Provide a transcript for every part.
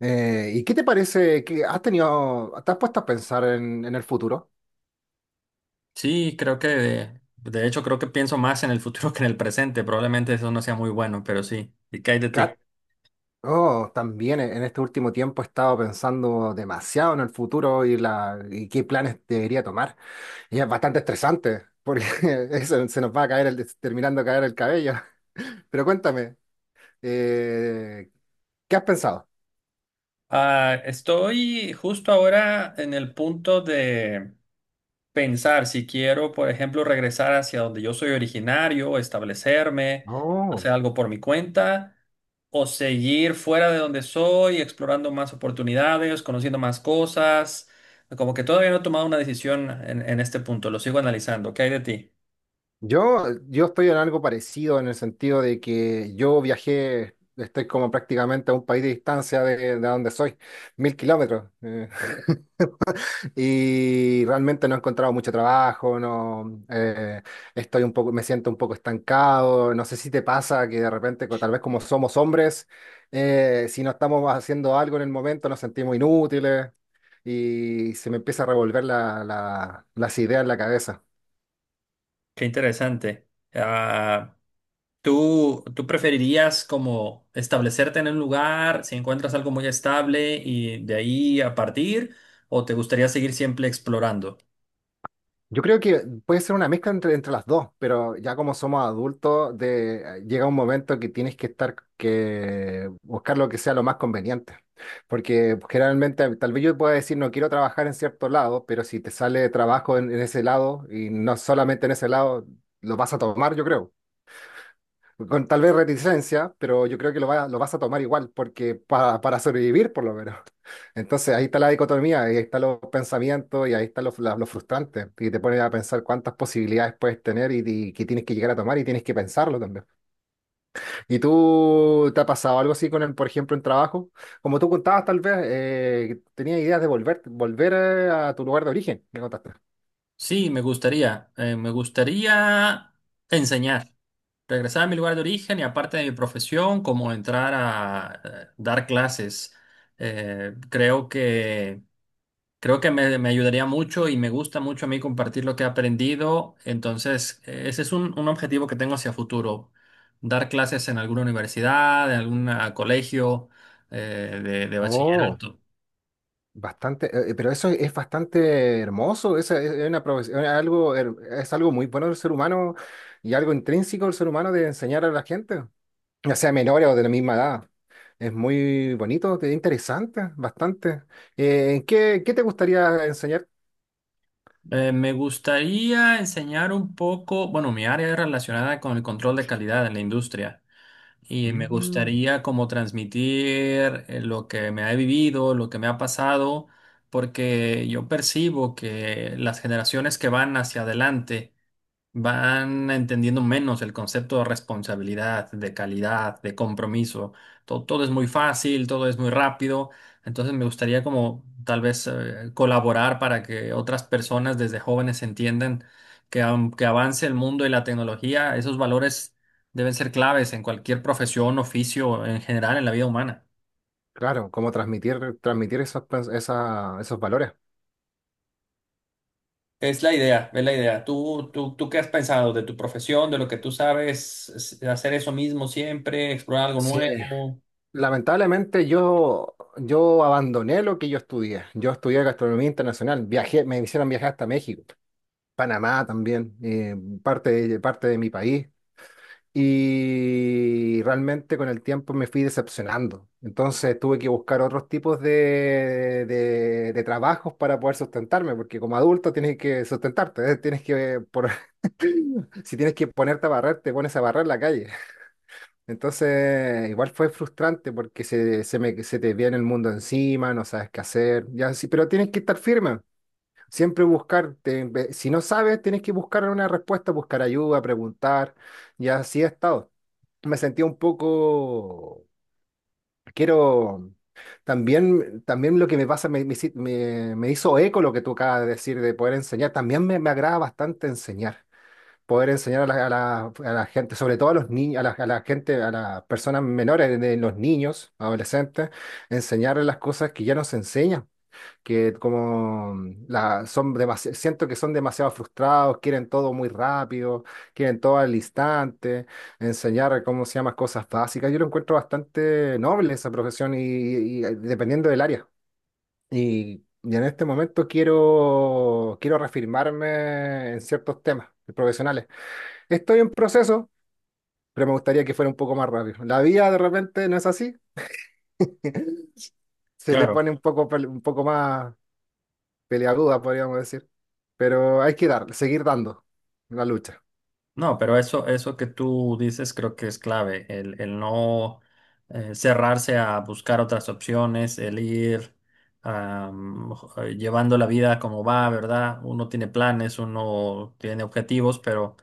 ¿Y qué te parece que has tenido, te has puesto a pensar en el futuro? Sí, creo que de hecho creo que pienso más en el futuro que en el presente. Probablemente eso no sea muy bueno, pero sí. ¿Y qué hay de ti? Ca- Oh, también en este último tiempo he estado pensando demasiado en el futuro y qué planes debería tomar. Y es bastante estresante porque eso, se nos va a caer terminando de caer el cabello. Pero cuéntame, eh, ¿qué has pensado? Estoy justo ahora en el punto de pensar si quiero, por ejemplo, regresar hacia donde yo soy originario, establecerme, Oh. hacer algo por mi cuenta, o seguir fuera de donde soy, explorando más oportunidades, conociendo más cosas. Como que todavía no he tomado una decisión en este punto, lo sigo analizando. ¿Qué hay de ti? Yo estoy en algo parecido en el sentido de que yo viajé, estoy como prácticamente a un país de distancia de donde soy, 1.000 kilómetros. Y realmente no he encontrado mucho trabajo, no, estoy un poco, me siento un poco estancado. No sé si te pasa que de repente, tal vez como somos hombres, si no estamos haciendo algo en el momento, nos sentimos inútiles y se me empieza a revolver las ideas en la cabeza. Qué interesante. Ah, ¿tú preferirías como establecerte en un lugar si encuentras algo muy estable y de ahí a partir? ¿O te gustaría seguir siempre explorando? Yo creo que puede ser una mezcla entre las dos, pero ya como somos adultos, llega un momento que tienes que estar, que buscar lo que sea lo más conveniente. Porque generalmente, tal vez yo pueda decir, no quiero trabajar en cierto lado, pero si te sale trabajo en ese lado y no solamente en ese lado, lo vas a tomar, yo creo con tal vez reticencia, pero yo creo que lo vas a tomar igual, porque para sobrevivir por lo menos. Entonces ahí está la dicotomía, ahí están los pensamientos y ahí están los frustrantes. Y te pones a pensar cuántas posibilidades puedes tener y que tienes que llegar a tomar y tienes que pensarlo también. ¿Y tú te ha pasado algo así con el, por ejemplo, en trabajo? Como tú contabas, tal vez tenías ideas de volver a tu lugar de origen, me contaste. Sí, me gustaría. Me gustaría enseñar, regresar a mi lugar de origen y aparte de mi profesión, como entrar a dar clases. Creo que... Creo que me ayudaría mucho y me gusta mucho a mí compartir lo que he aprendido. Entonces, ese es un objetivo que tengo hacia futuro. Dar clases en alguna universidad, en algún colegio de Oh. bachillerato. Bastante, pero eso es bastante hermoso, esa es una profesión, es algo, es algo muy bueno del ser humano y algo intrínseco del ser humano de enseñar a la gente, ya sea menores o de la misma edad. Es muy bonito, interesante, bastante. ¿En ¿qué, qué te gustaría enseñar? Me gustaría enseñar un poco, bueno, mi área es relacionada con el control de calidad en la industria y me Mm, gustaría como transmitir lo que me ha vivido, lo que me ha pasado, porque yo percibo que las generaciones que van hacia adelante, van entendiendo menos el concepto de responsabilidad, de calidad, de compromiso. Todo es muy fácil, todo es muy rápido. Entonces me gustaría como tal vez colaborar para que otras personas desde jóvenes entiendan que aunque avance el mundo y la tecnología, esos valores deben ser claves en cualquier profesión, oficio, en general en la vida humana. claro, cómo transmitir esos, esos valores. Es la idea, es la idea. ¿Tú qué has pensado de tu profesión, de lo que tú sabes, hacer eso mismo siempre, explorar algo Sí, nuevo? lamentablemente yo abandoné lo que yo estudié. Yo estudié gastronomía internacional, viajé, me hicieron viajar hasta México. Panamá también, parte parte de mi país. Y realmente con el tiempo me fui decepcionando. Entonces tuve que buscar otros tipos de trabajos para poder sustentarme, porque como adulto tienes que sustentarte, ¿eh? Si tienes que ponerte a barrer, te pones a barrer la calle. Entonces igual fue frustrante porque se te viene el mundo encima, no sabes qué hacer, ya, sí, pero tienes que estar firme. Siempre buscar, si no sabes, tienes que buscar una respuesta, buscar ayuda, preguntar, y así he estado. Me sentía un poco, quiero, también, también lo que me pasa, me hizo eco lo que tú acabas de decir de poder enseñar, también me agrada bastante enseñar, poder enseñar a a la gente, sobre todo a los niños, a a la gente, a las personas menores, de los niños, adolescentes, enseñarles las cosas que ya nos enseñan que como son siento que son demasiado frustrados, quieren todo muy rápido, quieren todo al instante, enseñar cómo se llaman cosas básicas. Yo lo encuentro bastante noble esa profesión y dependiendo del área. Y en este momento quiero, quiero reafirmarme en ciertos temas profesionales. Estoy en proceso, pero me gustaría que fuera un poco más rápido. La vida de repente no es así, se te Claro, pone un poco, un poco más peleaguda, podríamos decir. Pero hay que dar, seguir dando la lucha. no, pero eso que tú dices creo que es clave, el no cerrarse a buscar otras opciones, el ir am, llevando la vida como va, ¿verdad? Uno tiene planes, uno tiene objetivos, pero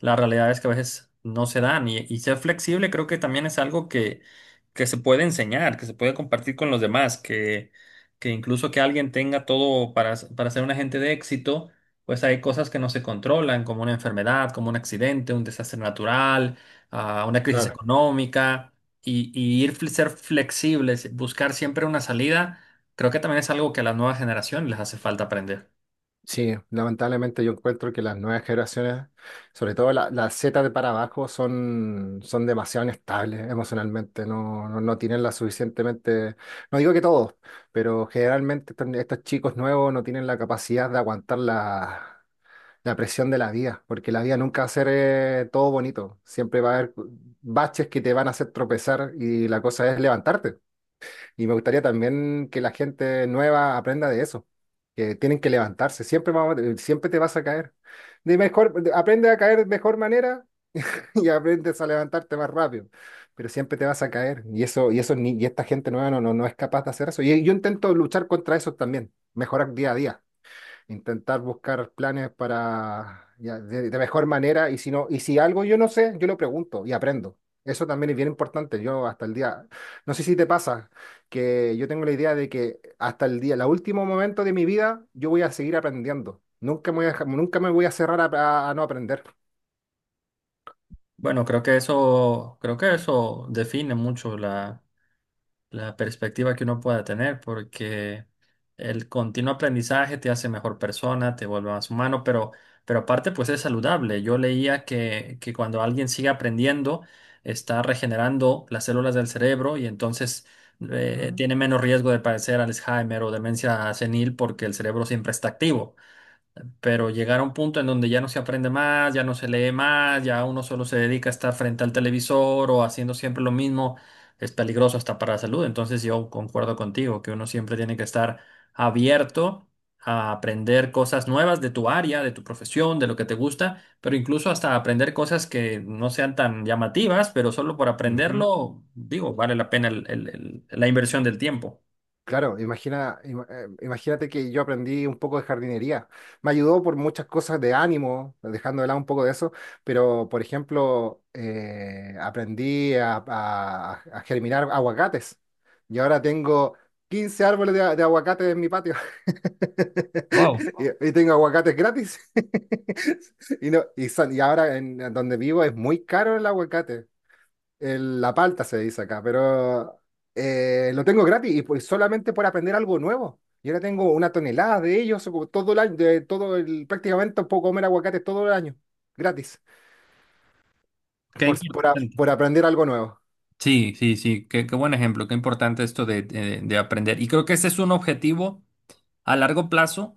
la realidad es que a veces no se dan y ser flexible creo que también es algo que se puede enseñar, que se puede compartir con los demás, que incluso que alguien tenga todo para ser un agente de éxito pues hay cosas que no se controlan, como una enfermedad, como un accidente, un desastre natural, una crisis Claro. económica, y ir ser flexibles, buscar siempre una salida, creo que también es algo que a las nuevas generaciones les hace falta aprender. Sí, lamentablemente yo encuentro que las nuevas generaciones, sobre todo la Z de para abajo, son, son demasiado inestables emocionalmente, no, no, no tienen la suficientemente, no digo que todos, pero generalmente estos chicos nuevos no tienen la capacidad de aguantar la presión de la vida, porque la vida nunca va a ser todo bonito, siempre va a haber baches que te van a hacer tropezar y la cosa es levantarte. Y me gustaría también que la gente nueva aprenda de eso, que tienen que levantarse, siempre te vas a caer. Aprende a caer de mejor manera y aprendes a levantarte más rápido, pero siempre te vas a caer. Y eso, y eso, y esta gente nueva no, no, no es capaz de hacer eso. Y yo intento luchar contra eso también, mejorar día a día, intentar buscar planes para ya, de mejor manera y si no, y si algo yo no sé, yo lo pregunto y aprendo. Eso también es bien importante. Yo hasta el día, no sé si te pasa, que yo tengo la idea de que hasta el día, el último momento de mi vida, yo voy a seguir aprendiendo. Nunca me voy a nunca me voy a cerrar a, a no aprender. Bueno, creo que eso define mucho la perspectiva que uno pueda tener, porque el continuo aprendizaje te hace mejor persona, te vuelve más humano, pero aparte pues es saludable. Yo leía que cuando alguien sigue aprendiendo, está regenerando las células del cerebro y entonces Ujú. tiene menos riesgo de padecer Alzheimer o demencia senil porque el cerebro siempre está activo, pero llegar a un punto en donde ya no se aprende más, ya no se lee más, ya uno solo se dedica a estar frente al televisor o haciendo siempre lo mismo, es peligroso hasta para la salud. Entonces yo concuerdo contigo que uno siempre tiene que estar abierto a aprender cosas nuevas de tu área, de tu profesión, de lo que te gusta, pero incluso hasta aprender cosas que no sean tan llamativas, pero solo por aprenderlo, digo, vale la pena la inversión del tiempo. Claro, imagínate que yo aprendí un poco de jardinería. Me ayudó por muchas cosas de ánimo, dejando de lado un poco de eso, pero por ejemplo, aprendí a germinar aguacates y ahora tengo 15 árboles de aguacate en mi patio Wow, y tengo aguacates gratis. Y, no, y, son- Y ahora en donde vivo es muy caro el aguacate, la palta se dice acá, pero lo tengo gratis y pues solamente por aprender algo nuevo. Y ahora tengo una tonelada de ellos como todo el año, prácticamente puedo comer aguacate todo el año, gratis, qué importante. por aprender algo nuevo. Sí, sí, sí, qué, qué buen ejemplo, qué importante esto de, de aprender. Y creo que ese es un objetivo a largo plazo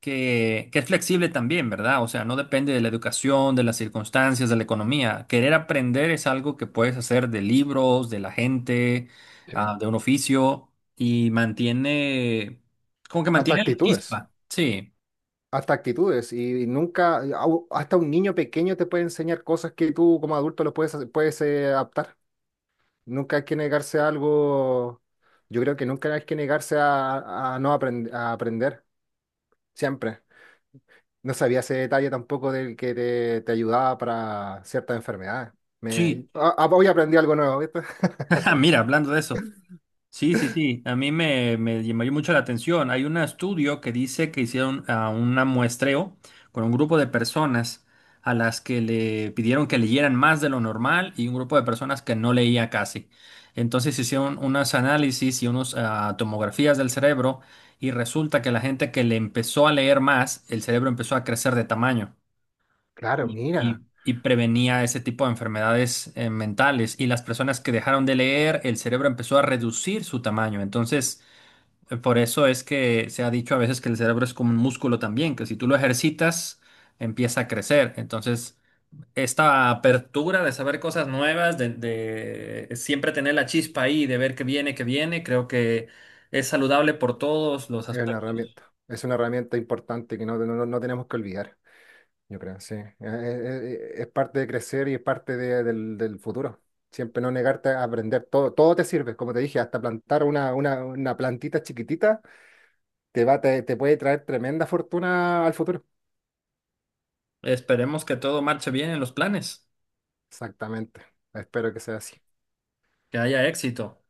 que es flexible también, ¿verdad? O sea, no depende de la educación, de las circunstancias, de la economía. Querer aprender es algo que puedes hacer de libros, de la gente, Sí. De un oficio y mantiene, como que Hasta mantiene la actitudes, chispa. Sí, hasta actitudes. Y, nunca, au- hasta un niño pequeño te puede enseñar cosas que tú como adulto lo puedes, puedes adaptar. Nunca hay que negarse a algo, yo creo que nunca hay que negarse a no aprend- a aprender, siempre. No sabía ese detalle tampoco del que te ayudaba para ciertas enfermedades. Sí. Hoy aprendí algo nuevo, ¿viste? Mira, hablando de eso. Sí, sí, sí. A mí me, me llamó mucho la atención. Hay un estudio que dice que hicieron un muestreo con un grupo de personas a las que le pidieron que leyeran más de lo normal y un grupo de personas que no leía casi. Entonces hicieron unos análisis y unas tomografías del cerebro y resulta que la gente que le empezó a leer más, el cerebro empezó a crecer de tamaño Claro, mira, y prevenía ese tipo de enfermedades mentales. Y las personas que dejaron de leer, el cerebro empezó a reducir su tamaño. Entonces, por eso es que se ha dicho a veces que el cerebro es como un músculo también, que si tú lo ejercitas, empieza a crecer. Entonces, esta apertura de saber cosas nuevas, de siempre tener la chispa ahí, de ver qué viene, creo que es saludable por todos los es una aspectos. herramienta. Es una herramienta importante que no, no, no tenemos que olvidar, yo creo, sí. Es, parte de crecer y es parte del, del futuro. Siempre no negarte a aprender. Todo, todo te sirve, como te dije, hasta plantar una plantita chiquitita te puede traer tremenda fortuna al futuro. Esperemos que todo marche bien en los planes, Exactamente. Espero que sea así. que haya éxito.